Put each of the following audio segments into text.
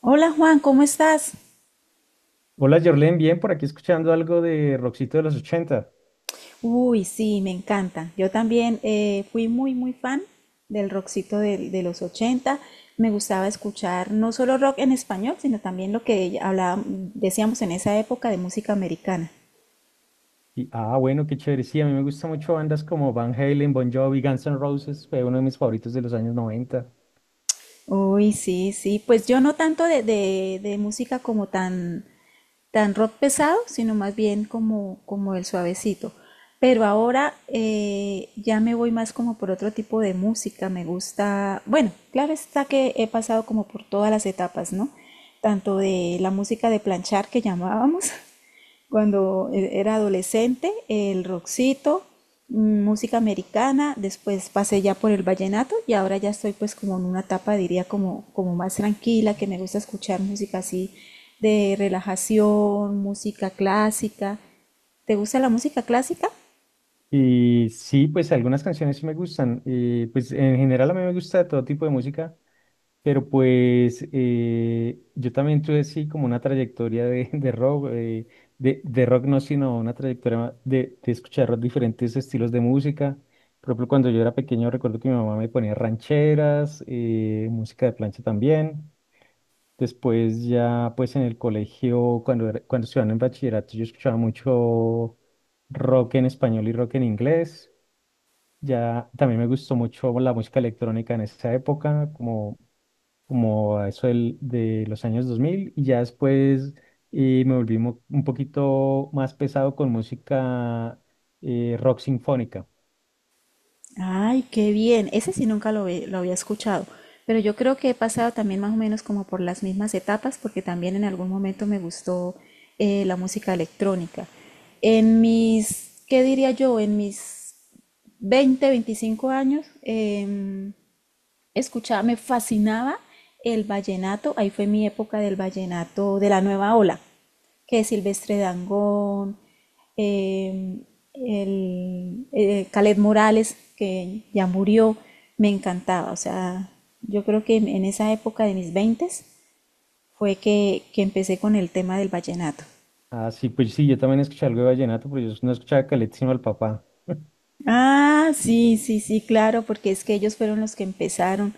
Hola Juan, ¿cómo estás? Hola, Jorlen, bien, por aquí escuchando algo de Roxito de los 80. Uy, sí, me encanta. Yo también fui muy, muy fan del rockcito de los 80. Me gustaba escuchar no solo rock en español, sino también lo que hablábamos, decíamos en esa época de música americana. Y bueno, qué chévere. Sí, a mí me gustan mucho bandas como Van Halen, Bon Jovi, Guns N' Roses, fue uno de mis favoritos de los años 90. Uy, sí, sí. Pues yo no tanto de música como tan tan rock pesado, sino más bien como, como el suavecito. Pero ahora ya me voy más como por otro tipo de música, me gusta, bueno, claro está que he pasado como por todas las etapas, ¿no? Tanto de la música de planchar que llamábamos, cuando era adolescente, el rockcito, mm, música americana, después pasé ya por el vallenato y ahora ya estoy pues como en una etapa, diría, como, como más tranquila, que me gusta escuchar música así de relajación, música clásica. ¿Te gusta la música clásica? Y sí, pues algunas canciones sí me gustan. Pues en general a mí me gusta todo tipo de música, pero pues yo también tuve sí como una trayectoria de rock, de rock no, sino una trayectoria de escuchar diferentes estilos de música. Por ejemplo, cuando yo era pequeño recuerdo que mi mamá me ponía rancheras, música de plancha también. Después ya, pues en el colegio, cuando estudiaba en bachillerato, yo escuchaba mucho rock en español y rock en inglés. Ya también me gustó mucho la música electrónica en esa época, como a eso de los años 2000. Y ya después, me volví un poquito más pesado con música, rock sinfónica. Ay, qué bien. Ese sí nunca lo había escuchado, pero yo creo que he pasado también más o menos como por las mismas etapas, porque también en algún momento me gustó la música electrónica. En mis, ¿qué diría yo? En mis 20, 25 años, escuchaba, me fascinaba el vallenato, ahí fue mi época del vallenato de la nueva ola, que es Silvestre Dangond, eh, el, Caled Morales, que ya murió, me encantaba, o sea, yo creo que en esa época de mis veintes fue que empecé con el tema del vallenato. Así pues sí, yo también escuché algo de vallenato, pero yo no escuchaba Caleta sino al papá. Ah, sí, sí, sí, claro, porque es que ellos fueron los que empezaron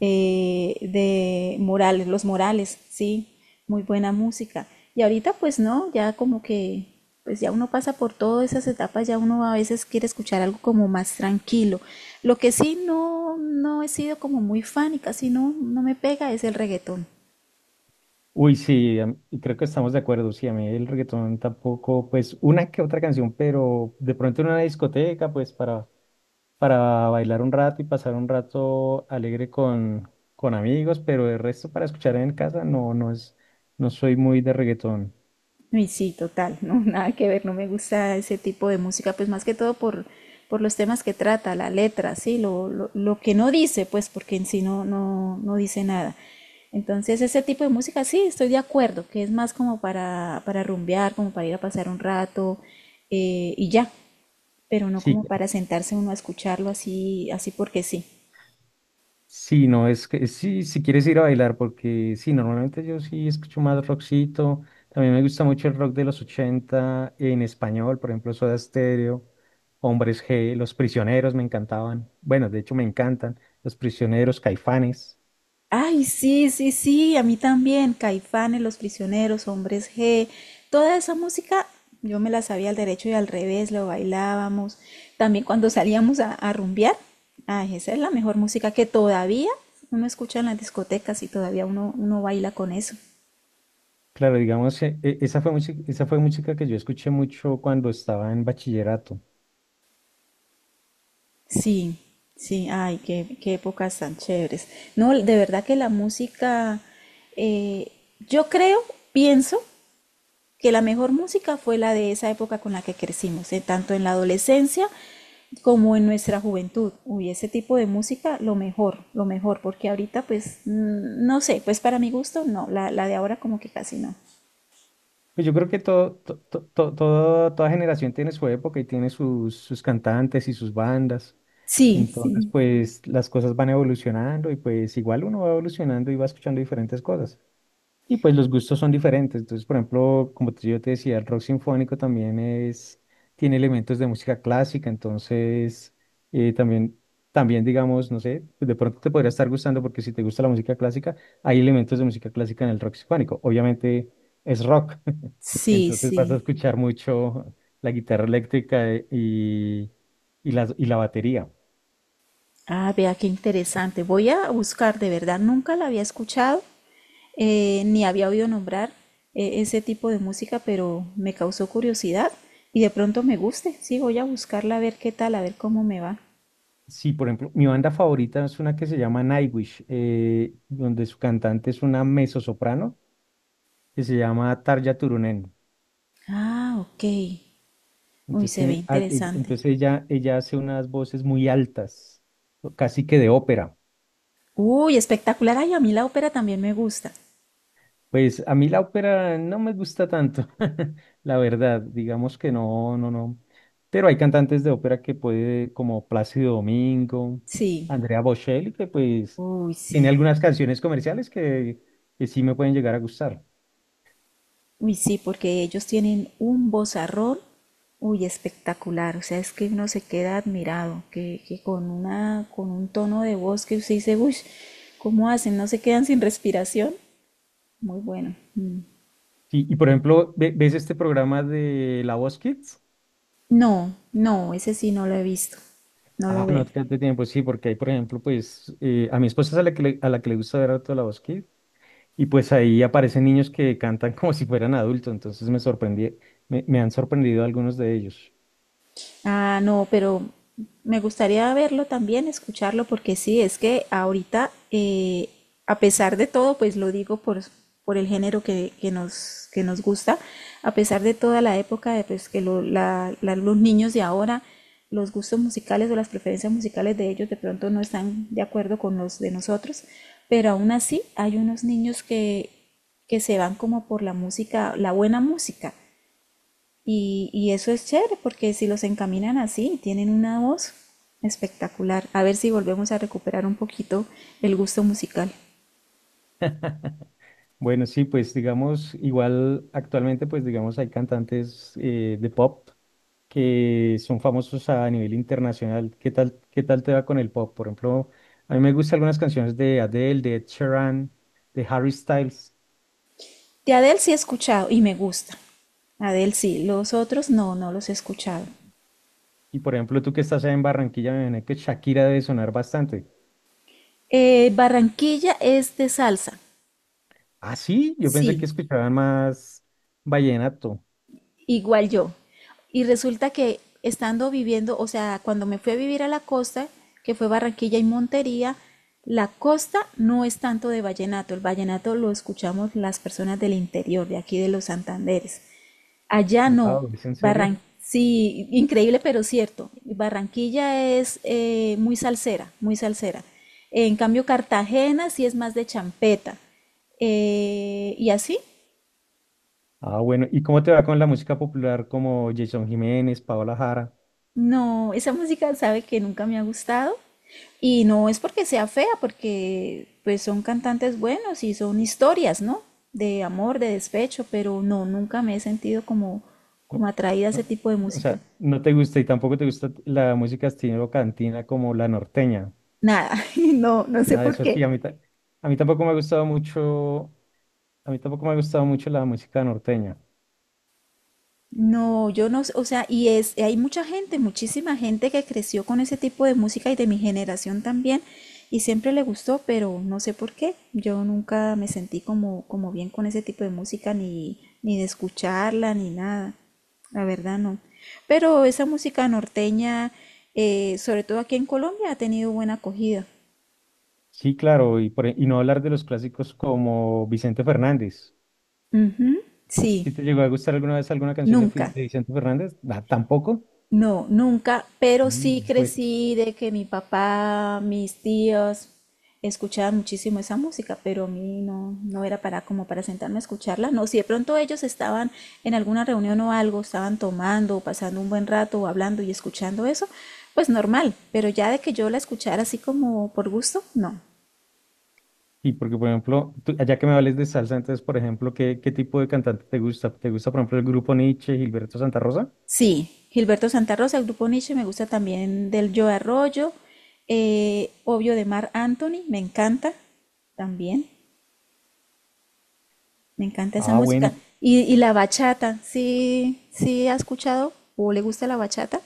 de Morales, los Morales, sí, muy buena música. Y ahorita pues no, ya como que, pues ya uno pasa por todas esas etapas, ya uno a veces quiere escuchar algo como más tranquilo. Lo que sí no, no he sido como muy fan y casi no, no me pega es el reggaetón. Uy, sí, y creo que estamos de acuerdo. Sí, a mí el reggaetón tampoco, pues una que otra canción, pero de pronto en una discoteca, pues para bailar un rato y pasar un rato alegre con amigos, pero el resto para escuchar en casa no, no soy muy de reggaetón. Y sí, total, no, nada que ver, no me gusta ese tipo de música, pues más que todo por los temas que trata, la letra, sí, lo que no dice, pues porque en sí no, no, no dice nada. Entonces ese tipo de música sí, estoy de acuerdo, que es más como para rumbear, como para ir a pasar un rato y ya, pero no Sí, como para sentarse uno a escucharlo así, así porque sí. sí, no, es que sí, si quieres ir a bailar, porque sí, normalmente yo sí escucho más rockcito. También me gusta mucho el rock de los 80 en español, por ejemplo, Soda Stereo, Hombres G, Los Prisioneros me encantaban. Bueno, de hecho me encantan Los Prisioneros, Caifanes. Ay, sí, sí, sí, a mí también. Caifanes, Los Prisioneros, Hombres G, toda esa música yo me la sabía al derecho y al revés, lo bailábamos. También cuando salíamos a rumbear, ay, esa es la mejor música que todavía uno escucha en las discotecas y todavía uno baila con eso. Claro, digamos, esa fue música que yo escuché mucho cuando estaba en bachillerato. Sí, sí, ay, qué, qué épocas tan chéveres. No, de verdad que la música, eh, yo creo, pienso que la mejor música fue la de esa época con la que crecimos, tanto en la adolescencia como en nuestra juventud. Uy, ese tipo de música, lo mejor, porque ahorita pues mm, no sé, pues para mi gusto no, la de ahora como que casi no. Pues yo creo que todo, to- to- to- todo- toda generación tiene su época y tiene sus cantantes y sus bandas. Sí, Entonces, sí, pues las cosas van evolucionando y pues igual uno va evolucionando y va escuchando diferentes cosas. Y pues los gustos son diferentes. Entonces, por ejemplo, yo te decía, el rock sinfónico también tiene elementos de música clásica. Entonces, eh, también, también digamos, no sé, pues, de pronto te podría estar gustando porque si te gusta la música clásica, hay elementos de música clásica en el rock sinfónico. Obviamente es rock, sí, entonces vas a sí. escuchar mucho la guitarra eléctrica, y la batería. Ah, vea qué interesante. Voy a buscar, de verdad, nunca la había escuchado, ni había oído nombrar ese tipo de música, pero me causó curiosidad y de pronto me guste. Sí, voy a buscarla a ver qué tal, a ver cómo me va. Sí, por ejemplo, mi banda favorita es una que se llama Nightwish, donde su cantante es una mezzosoprano que se llama Tarja Turunen. Ah, ok. Uy, Entonces se ve tiene, interesante. entonces ella hace unas voces muy altas, o casi que de ópera. Uy, espectacular. Ay, a mí la ópera también me gusta. Pues a mí la ópera no me gusta tanto, la verdad, digamos que no, no, no. Pero hay cantantes de ópera que puede, como Plácido Domingo, Sí. Andrea Bocelli, que pues Uy, tiene sí. algunas canciones comerciales que sí me pueden llegar a gustar. Uy, sí, porque ellos tienen un vozarrón. Uy, espectacular. O sea, es que uno se queda admirado, que con una, con un tono de voz que usted dice, uy, ¿cómo hacen? ¿No se quedan sin respiración? Muy bueno. Mm. Sí, y por ejemplo, ¿ves este programa de La Voz Kids? No, no, ese sí no lo he visto. No lo Ah, veo. no te de tiempo, sí, porque hay, por ejemplo, a mi esposa es a la que le gusta ver harto la Kids y pues ahí aparecen niños que cantan como si fueran adultos, entonces me sorprendí, me han sorprendido algunos de ellos. Ah, no, pero me gustaría verlo también, escucharlo, porque sí, es que ahorita, a pesar de todo, pues lo digo por el género que nos, que nos gusta, a pesar de toda la época, de, pues que los niños de ahora, los gustos musicales o las preferencias musicales de ellos de pronto no están de acuerdo con los de nosotros, pero aún así hay unos niños que se van como por la música, la buena música. Y eso es chévere porque si los encaminan así, tienen una voz espectacular. A ver si volvemos a recuperar un poquito el gusto musical. Bueno, sí, pues digamos, igual actualmente, pues digamos, hay cantantes, de pop que son famosos a nivel internacional. Qué tal te va con el pop? Por ejemplo, a mí me gustan algunas canciones de Adele, de Ed Sheeran, de Harry Styles. De Adele sí he escuchado y me gusta. Adele sí, los otros no, no los he escuchado. Y por ejemplo, tú que estás allá en Barranquilla, me imagino que Shakira debe sonar bastante. Barranquilla es de salsa, Ah, sí, yo pensé que sí. escuchaban más vallenato. Igual yo. Y resulta que estando viviendo, o sea, cuando me fui a vivir a la costa, que fue Barranquilla y Montería, la costa no es tanto de vallenato, el vallenato lo escuchamos las personas del interior, de aquí de los Santanderes. Allá no, Wow, ¿es en serio? Barran sí, increíble pero cierto, Barranquilla es muy salsera, muy salsera. En cambio, Cartagena sí es más de champeta. Y así. Ah, bueno, ¿y cómo te va con la música popular como Jason Jiménez, Paola Jara? No, esa música sabe que nunca me ha gustado y no es porque sea fea, porque pues son cantantes buenos y son historias, ¿no? De amor, de despecho, pero no, nunca me he sentido como, No, como atraída a ese no, tipo de o música. sea, no te gusta y tampoco te gusta la música estilo cantina como la norteña. Nada, no, no sé Nada de por eso sí, qué. a mí, a mí tampoco me ha gustado mucho, a mí tampoco me ha gustado mucho la música norteña. No, yo no, o sea, y es, hay mucha gente, muchísima gente que creció con ese tipo de música y de mi generación también, y siempre le gustó, pero no sé por qué. Yo nunca me sentí como, como bien con ese tipo de música, ni, ni de escucharla, ni nada. La verdad no. Pero esa música norteña, sobre todo aquí en Colombia, ha tenido buena acogida. Sí, claro, y no hablar de los clásicos como Vicente Fernández. Ujú, sí, ¿Si te llegó a gustar alguna vez alguna canción de, nunca. de Vicente Fernández? Ah, tampoco. No, nunca, pero Mm, sí pues, crecí de que mi papá, mis tíos escuchaban muchísimo esa música, pero a mí no, no era para como para sentarme a escucharla. No, si de pronto ellos estaban en alguna reunión o algo, estaban tomando, o pasando un buen rato, o hablando y escuchando eso, pues normal, pero ya de que yo la escuchara así como por gusto, no. y porque, por ejemplo, ya que me hables de salsa, entonces, por ejemplo, ¿qué tipo de cantante te gusta? ¿Te gusta, por ejemplo, el grupo Nietzsche, Gilberto Santa Rosa? Sí, Gilberto Santa Rosa, el grupo Nietzsche, me gusta también del Yo Arroyo, obvio de Mar Anthony, me encanta también. Me encanta esa Ah, bueno, música. Y la bachata, ¿sí, sí ha escuchado o le gusta la bachata?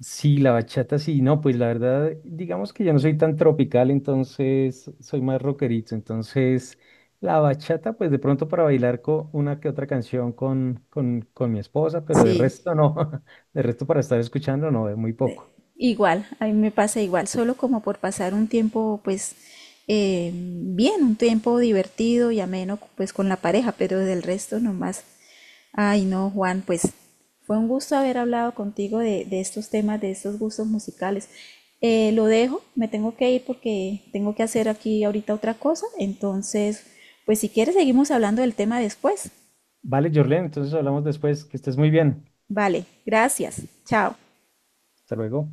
sí, la bachata sí, no, pues la verdad, digamos que yo no soy tan tropical, entonces soy más rockerito, entonces la bachata, pues de pronto para bailar con una que otra canción con mi esposa, pero de Sí, resto no, de resto para estar escuchando no, es muy poco. igual, a mí me pasa igual, solo como por pasar un tiempo, pues, bien, un tiempo divertido y ameno, pues, con la pareja, pero del resto nomás. Ay, no, Juan, pues, fue un gusto haber hablado contigo de estos temas, de estos gustos musicales. Lo dejo, me tengo que ir porque tengo que hacer aquí ahorita otra cosa, entonces, pues, si quieres, seguimos hablando del tema después. Vale, Jorlen, entonces hablamos después. Que estés muy bien. Vale, gracias, chao. Hasta luego.